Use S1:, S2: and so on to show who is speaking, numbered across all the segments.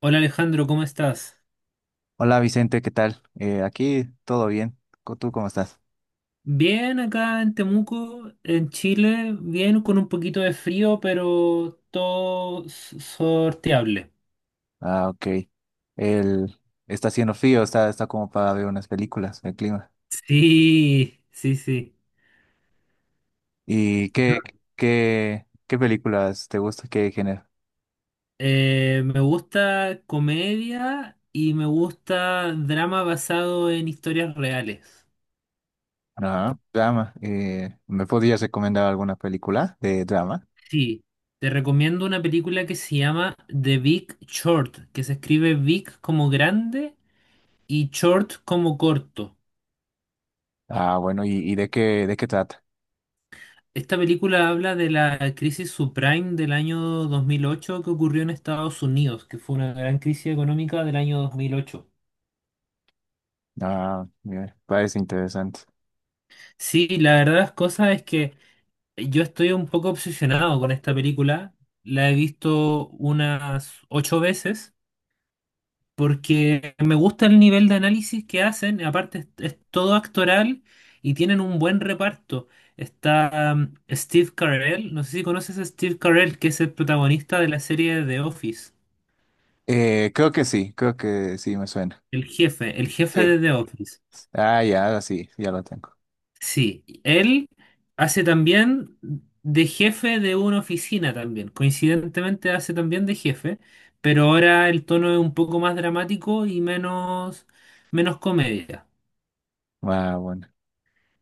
S1: Hola Alejandro, ¿cómo estás?
S2: Hola Vicente, ¿qué tal? Aquí todo bien. ¿Tú cómo estás?
S1: Bien acá en Temuco, en Chile, bien con un poquito de frío, pero todo sorteable.
S2: Ah, ok. El, Está haciendo frío, está como para ver unas películas, el clima.
S1: Sí, sí, sí.
S2: ¿Y
S1: Yo,
S2: qué, ¿Qué películas te gusta? ¿Qué género?
S1: Me gusta comedia y me gusta drama basado en historias reales.
S2: Ajá, drama. ¿Me podrías recomendar alguna película de drama?
S1: Sí, te recomiendo una película que se llama The Big Short, que se escribe big como grande y short como corto.
S2: Ah, bueno, ¿y de de qué trata?
S1: Esta película habla de la crisis subprime del año 2008 que ocurrió en Estados Unidos, que fue una gran crisis económica del año 2008.
S2: Ah, mira, parece interesante.
S1: Sí, la verdad de las cosas es que yo estoy un poco obsesionado con esta película. La he visto unas ocho veces porque me gusta el nivel de análisis que hacen. Aparte, es todo actoral y tienen un buen reparto. Está Steve Carell, no sé si conoces a Steve Carell, que es el protagonista de la serie The Office.
S2: Creo que sí, creo que sí me suena.
S1: El jefe de
S2: Sí.
S1: The Office.
S2: Ah, ya, ahora sí, ya lo tengo.
S1: Sí, él hace también de jefe de una oficina también. Coincidentemente hace también de jefe, pero ahora el tono es un poco más dramático y menos comedia.
S2: Ah, bueno.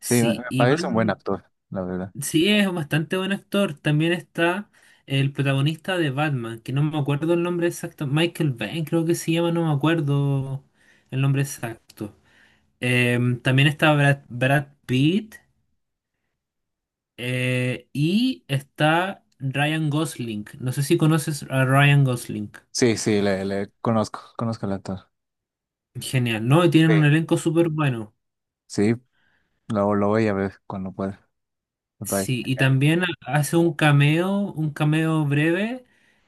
S2: Sí, me parece un buen
S1: Iván,
S2: actor, la verdad.
S1: sí es bastante buen actor. También está el protagonista de Batman, que no me acuerdo el nombre exacto. Michael Bay, creo que se llama, no me acuerdo el nombre exacto. También está Brad Pitt. Y está Ryan Gosling. No sé si conoces a Ryan Gosling.
S2: Sí, sí, le conozco, conozco al actor.
S1: Genial, ¿no? Y tienen
S2: Sí.
S1: un elenco súper bueno.
S2: Sí, lo voy a ver cuando pueda. Me parece
S1: Sí, y
S2: genial.
S1: también hace un cameo breve.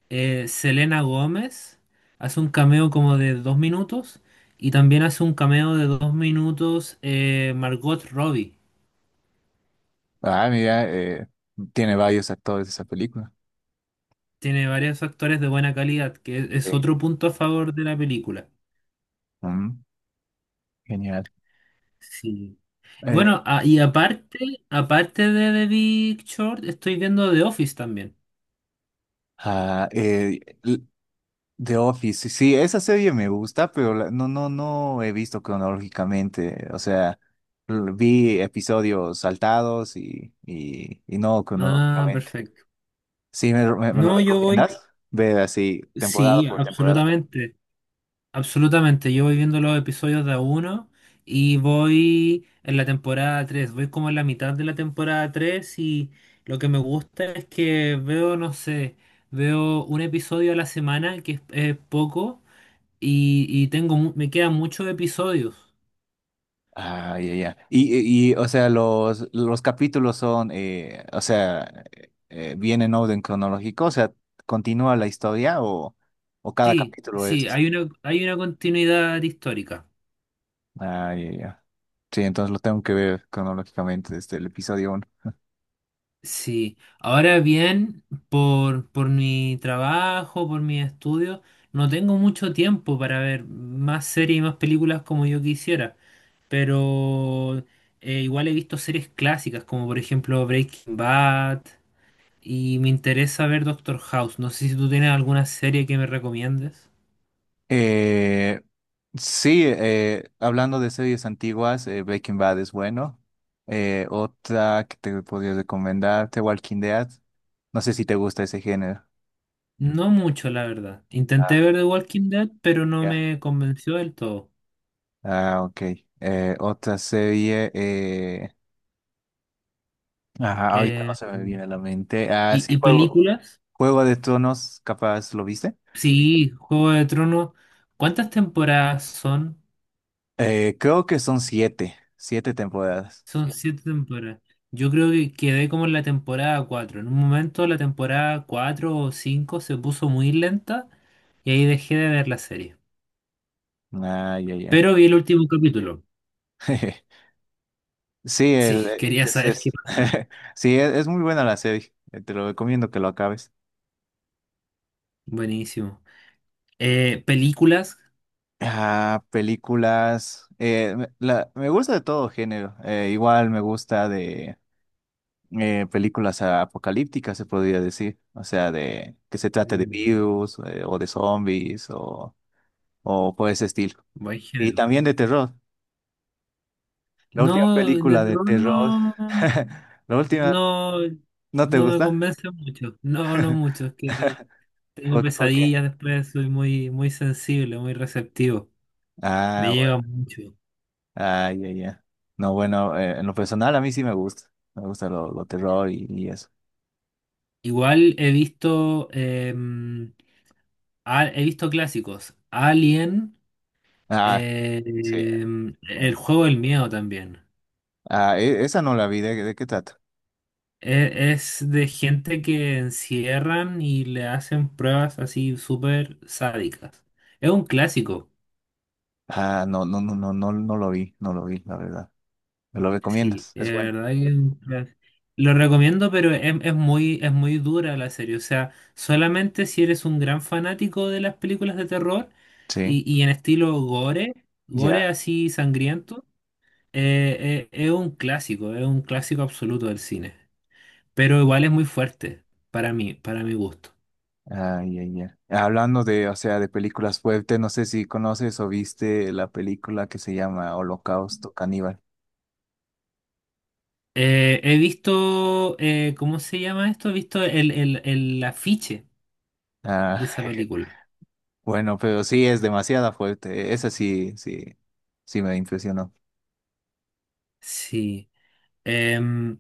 S1: Selena Gómez hace un cameo como de 2 minutos. Y también hace un cameo de 2 minutos, Margot Robbie.
S2: Ah, mira, tiene varios actores de esa película.
S1: Tiene varios actores de buena calidad, que es
S2: Sí.
S1: otro punto a favor de la película.
S2: Mm, genial.
S1: Sí.
S2: Eh,
S1: Bueno, y aparte de The Big Short, estoy viendo The Office también.
S2: ah, eh, l- The Office, sí, esa serie me gusta, no, no, no he visto cronológicamente. O sea, vi episodios saltados y no
S1: Ah,
S2: cronológicamente.
S1: perfecto.
S2: Sí, me lo
S1: No, yo
S2: recomiendas
S1: voy,
S2: ver así temporada
S1: sí,
S2: por temporada.
S1: absolutamente, absolutamente. Yo voy viendo los episodios de a uno y voy en la temporada 3. Voy como en la mitad de la temporada 3 y lo que me gusta es que veo, no sé, veo un episodio a la semana, que es poco, y tengo, me quedan muchos episodios.
S2: Ah, ya, ya. O sea, los capítulos son, o sea, ¿viene en orden cronológico? O sea, ¿continúa la historia o cada
S1: Sí,
S2: capítulo
S1: sí,
S2: es?
S1: hay una continuidad histórica.
S2: Ah, ya, ya. Sí, entonces lo tengo que ver cronológicamente desde el episodio uno.
S1: Sí, ahora bien, por mi trabajo, por mis estudios, no tengo mucho tiempo para ver más series y más películas como yo quisiera, pero igual he visto series clásicas como por ejemplo Breaking Bad y me interesa ver Doctor House. No sé si tú tienes alguna serie que me recomiendes.
S2: Eh, sí, hablando de series antiguas, Breaking Bad es bueno. Otra que te podría recomendar, The Walking Dead. No sé si te gusta ese género.
S1: No mucho, la verdad. Intenté
S2: Ah,
S1: ver The Walking Dead, pero no
S2: ya.
S1: me convenció del todo.
S2: Ah, ok. Otra serie. Ajá, ahorita no
S1: Eh,
S2: se me viene a la mente. Ah,
S1: ¿Y,
S2: sí,
S1: y
S2: Juego,
S1: películas?
S2: Juego de Tronos, capaz, ¿lo viste?
S1: Sí, Juego de Tronos. ¿Cuántas temporadas son?
S2: Creo que son siete, siete temporadas.
S1: Son siete temporadas. Yo creo que quedé como en la temporada cuatro. En un momento la temporada cuatro o cinco se puso muy lenta y ahí dejé de ver la serie.
S2: Ah, ya, ya.
S1: Pero vi el último capítulo.
S2: Sí,
S1: Sí,
S2: el, e,
S1: quería saber qué
S2: es-
S1: pasa.
S2: sí, es muy buena la serie. Te lo recomiendo que lo acabes.
S1: Buenísimo. ¿Películas?
S2: Ah, películas. Me gusta de todo género. Igual me gusta de películas apocalípticas, se podría decir. O sea, de que se trate de
S1: Mm.
S2: virus o de zombies o por ese estilo.
S1: Buen
S2: Y
S1: género.
S2: también de terror. La
S1: No,
S2: última
S1: de
S2: película de
S1: terror no,
S2: terror. La última,
S1: no,
S2: ¿no te
S1: no me
S2: gusta?
S1: convence mucho. No, no mucho. Es que tengo
S2: ¿Por qué? ¿Por qué?
S1: pesadillas después, soy muy, muy sensible, muy receptivo. Me
S2: Ah,
S1: llega
S2: bueno.
S1: mucho.
S2: Ah, ya, ya. No, bueno, en lo personal a mí sí me gusta. Me gusta lo terror y eso.
S1: Igual he visto, he visto clásicos. Alien,
S2: Ah, sí,
S1: El
S2: bueno.
S1: juego del miedo también.
S2: Ah, esa no la vi, ¿de qué trata?
S1: Es de gente que encierran y le hacen pruebas así súper sádicas. Es un clásico.
S2: Ah, no, no, no, no, no, no lo vi, no lo vi, la verdad. ¿Me lo
S1: Sí,
S2: recomiendas? Es bueno.
S1: de verdad que es un lo recomiendo, pero es muy dura la serie. O sea, solamente si eres un gran fanático de las películas de terror
S2: Sí,
S1: y en estilo gore,
S2: ya.
S1: gore así sangriento, es un clásico absoluto del cine. Pero igual es muy fuerte para mí, para mi gusto.
S2: Ah, ya, ya. Hablando de, o sea, de películas fuertes, no sé si conoces o viste la película que se llama Holocausto Caníbal.
S1: He visto, ¿cómo se llama esto? He visto el afiche de
S2: Ah,
S1: esa película.
S2: bueno, pero sí es demasiada fuerte. Esa sí, sí, sí me impresionó.
S1: Sí. Em,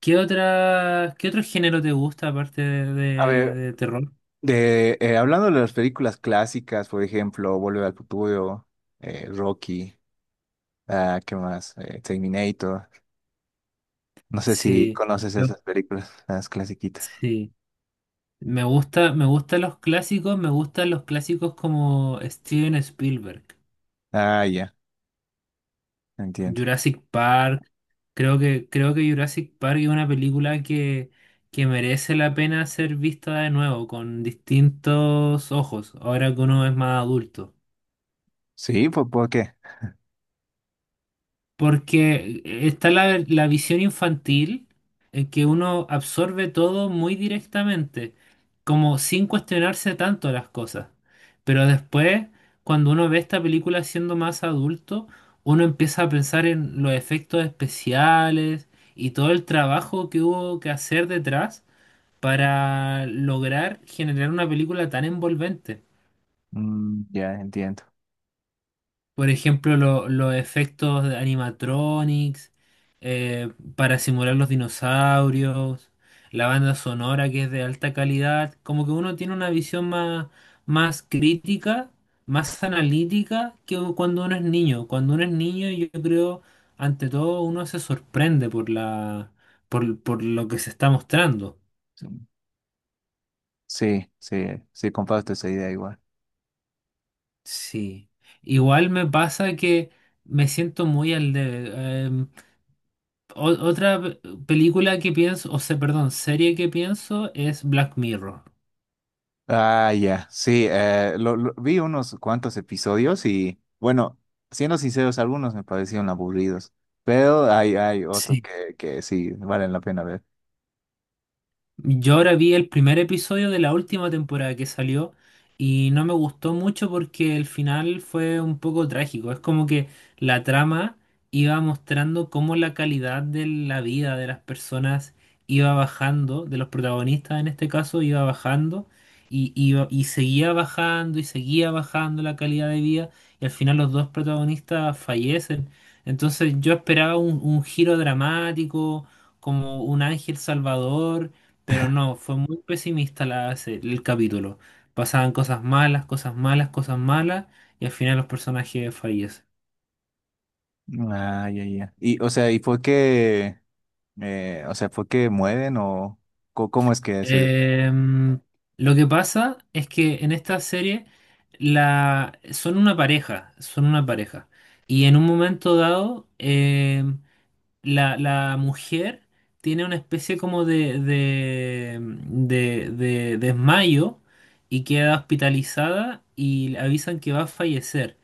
S1: qué otro género te gusta aparte de,
S2: A
S1: de-
S2: ver,
S1: de terror?
S2: de, hablando de las películas clásicas, por ejemplo, Volver al Futuro, Rocky, ah, ¿qué más? Terminator. No sé si
S1: Sí,
S2: conoces
S1: yo-
S2: esas películas, las clasiquitas.
S1: sí. Me gustan los clásicos como Steven Spielberg,
S2: Ah, ya, entiendo.
S1: Jurassic Park. Creo que Jurassic Park es una película que merece la pena ser vista de nuevo, con distintos ojos, ahora que uno es más adulto.
S2: Sí, ¿por qué?
S1: Porque está la visión infantil en que uno absorbe todo muy directamente, como sin cuestionarse tanto las cosas. Pero después, cuando uno ve esta película siendo más adulto, uno empieza a pensar en los efectos especiales y todo el trabajo que hubo que hacer detrás para lograr generar una película tan envolvente.
S2: Mm, ya, entiendo.
S1: Por ejemplo, los efectos de animatronics, para simular los dinosaurios, la banda sonora que es de alta calidad, como que uno tiene una visión más, más crítica, más analítica que cuando uno es niño. Cuando uno es niño, yo creo, ante todo, uno se sorprende por la, por lo que se está mostrando.
S2: Sí, sí, sí, comparto esa idea igual.
S1: Sí. Igual me pasa que me siento muy al debe. O- Otra película que pienso, o sea, perdón, serie que pienso es Black Mirror.
S2: Ah, ya, sí, vi unos cuantos episodios y, bueno, siendo sinceros, algunos me parecieron aburridos, pero hay otros
S1: Sí,
S2: que sí valen la pena ver.
S1: yo ahora vi el primer episodio de la última temporada que salió y no me gustó mucho porque el final fue un poco trágico. Es como que la trama iba mostrando cómo la calidad de la vida de las personas iba bajando, de los protagonistas en este caso iba bajando y seguía bajando y seguía bajando la calidad de vida y al final los dos protagonistas fallecen. Entonces yo esperaba un giro dramático, como un ángel salvador. Pero no, fue muy pesimista el capítulo. Pasaban cosas malas, cosas malas, cosas malas, y al final los personajes fallecen.
S2: Ah, ya, ya. Y, o sea, o sea, ¿fue que mueren o cómo es que se detienen?
S1: Em, lo que pasa es que en esta serie son una pareja, son una pareja. Y en un momento dado, la mujer tiene una especie como de desmayo y queda hospitalizada y le avisan que va a fallecer.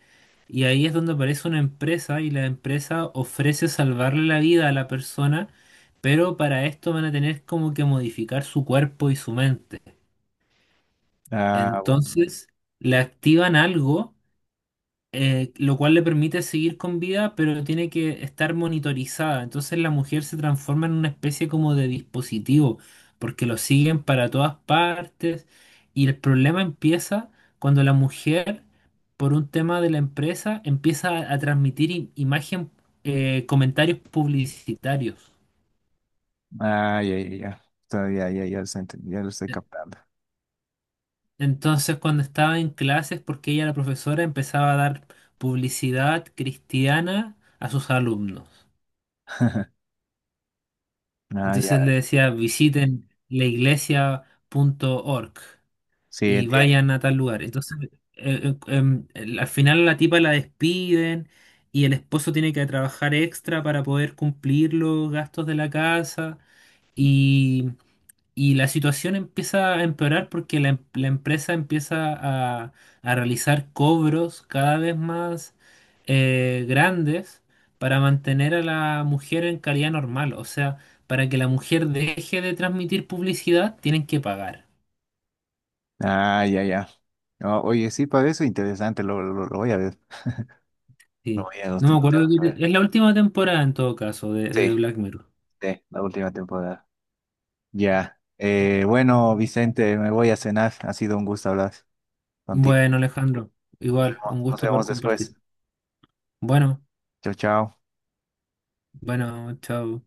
S1: Y ahí es donde aparece una empresa y la empresa ofrece salvarle la vida a la persona, pero para esto van a tener como que modificar su cuerpo y su mente.
S2: Ah, bueno.
S1: Entonces le activan algo, lo cual le permite seguir con vida, pero tiene que estar monitorizada. Entonces la mujer se transforma en una especie como de dispositivo, porque lo siguen para todas partes y el problema empieza cuando la mujer, por un tema de la empresa, empieza a transmitir imagen, comentarios publicitarios.
S2: Ah, ya, ya, ya. Ya, ya, ya, ya lo estoy
S1: E-,
S2: captando.
S1: Entonces, cuando estaba en clases, porque ella, la profesora, empezaba a dar publicidad cristiana a sus alumnos.
S2: Ah,
S1: Entonces le
S2: ya.
S1: decía, visiten laiglesia.org
S2: Sí,
S1: y
S2: entiendo.
S1: vayan a tal lugar. Entonces, al final la tipa la despiden y el esposo tiene que trabajar extra para poder cumplir los gastos de la casa. Y la situación empieza a empeorar porque la empresa empieza a, a realizar cobros cada vez más, grandes, para mantener a la mujer en calidad normal. O sea, para que la mujer deje de transmitir publicidad, tienen que pagar.
S2: Ah, ya, ya. Oye, sí, parece interesante, lo voy a ver. Lo
S1: Sí.
S2: voy a, lo
S1: No me
S2: tengo
S1: acuerdo,
S2: que ver.
S1: es la última temporada en todo caso de
S2: Sí,
S1: Black Mirror.
S2: sí, la última temporada. Ya. Bueno, Vicente, me voy a cenar. Ha sido un gusto hablar contigo.
S1: Bueno, Alejandro,
S2: Nos
S1: igual,
S2: vemos,
S1: un
S2: nos
S1: gusto poder
S2: vemos después.
S1: compartir. Bueno,
S2: Chao, chao.
S1: bueno, chao.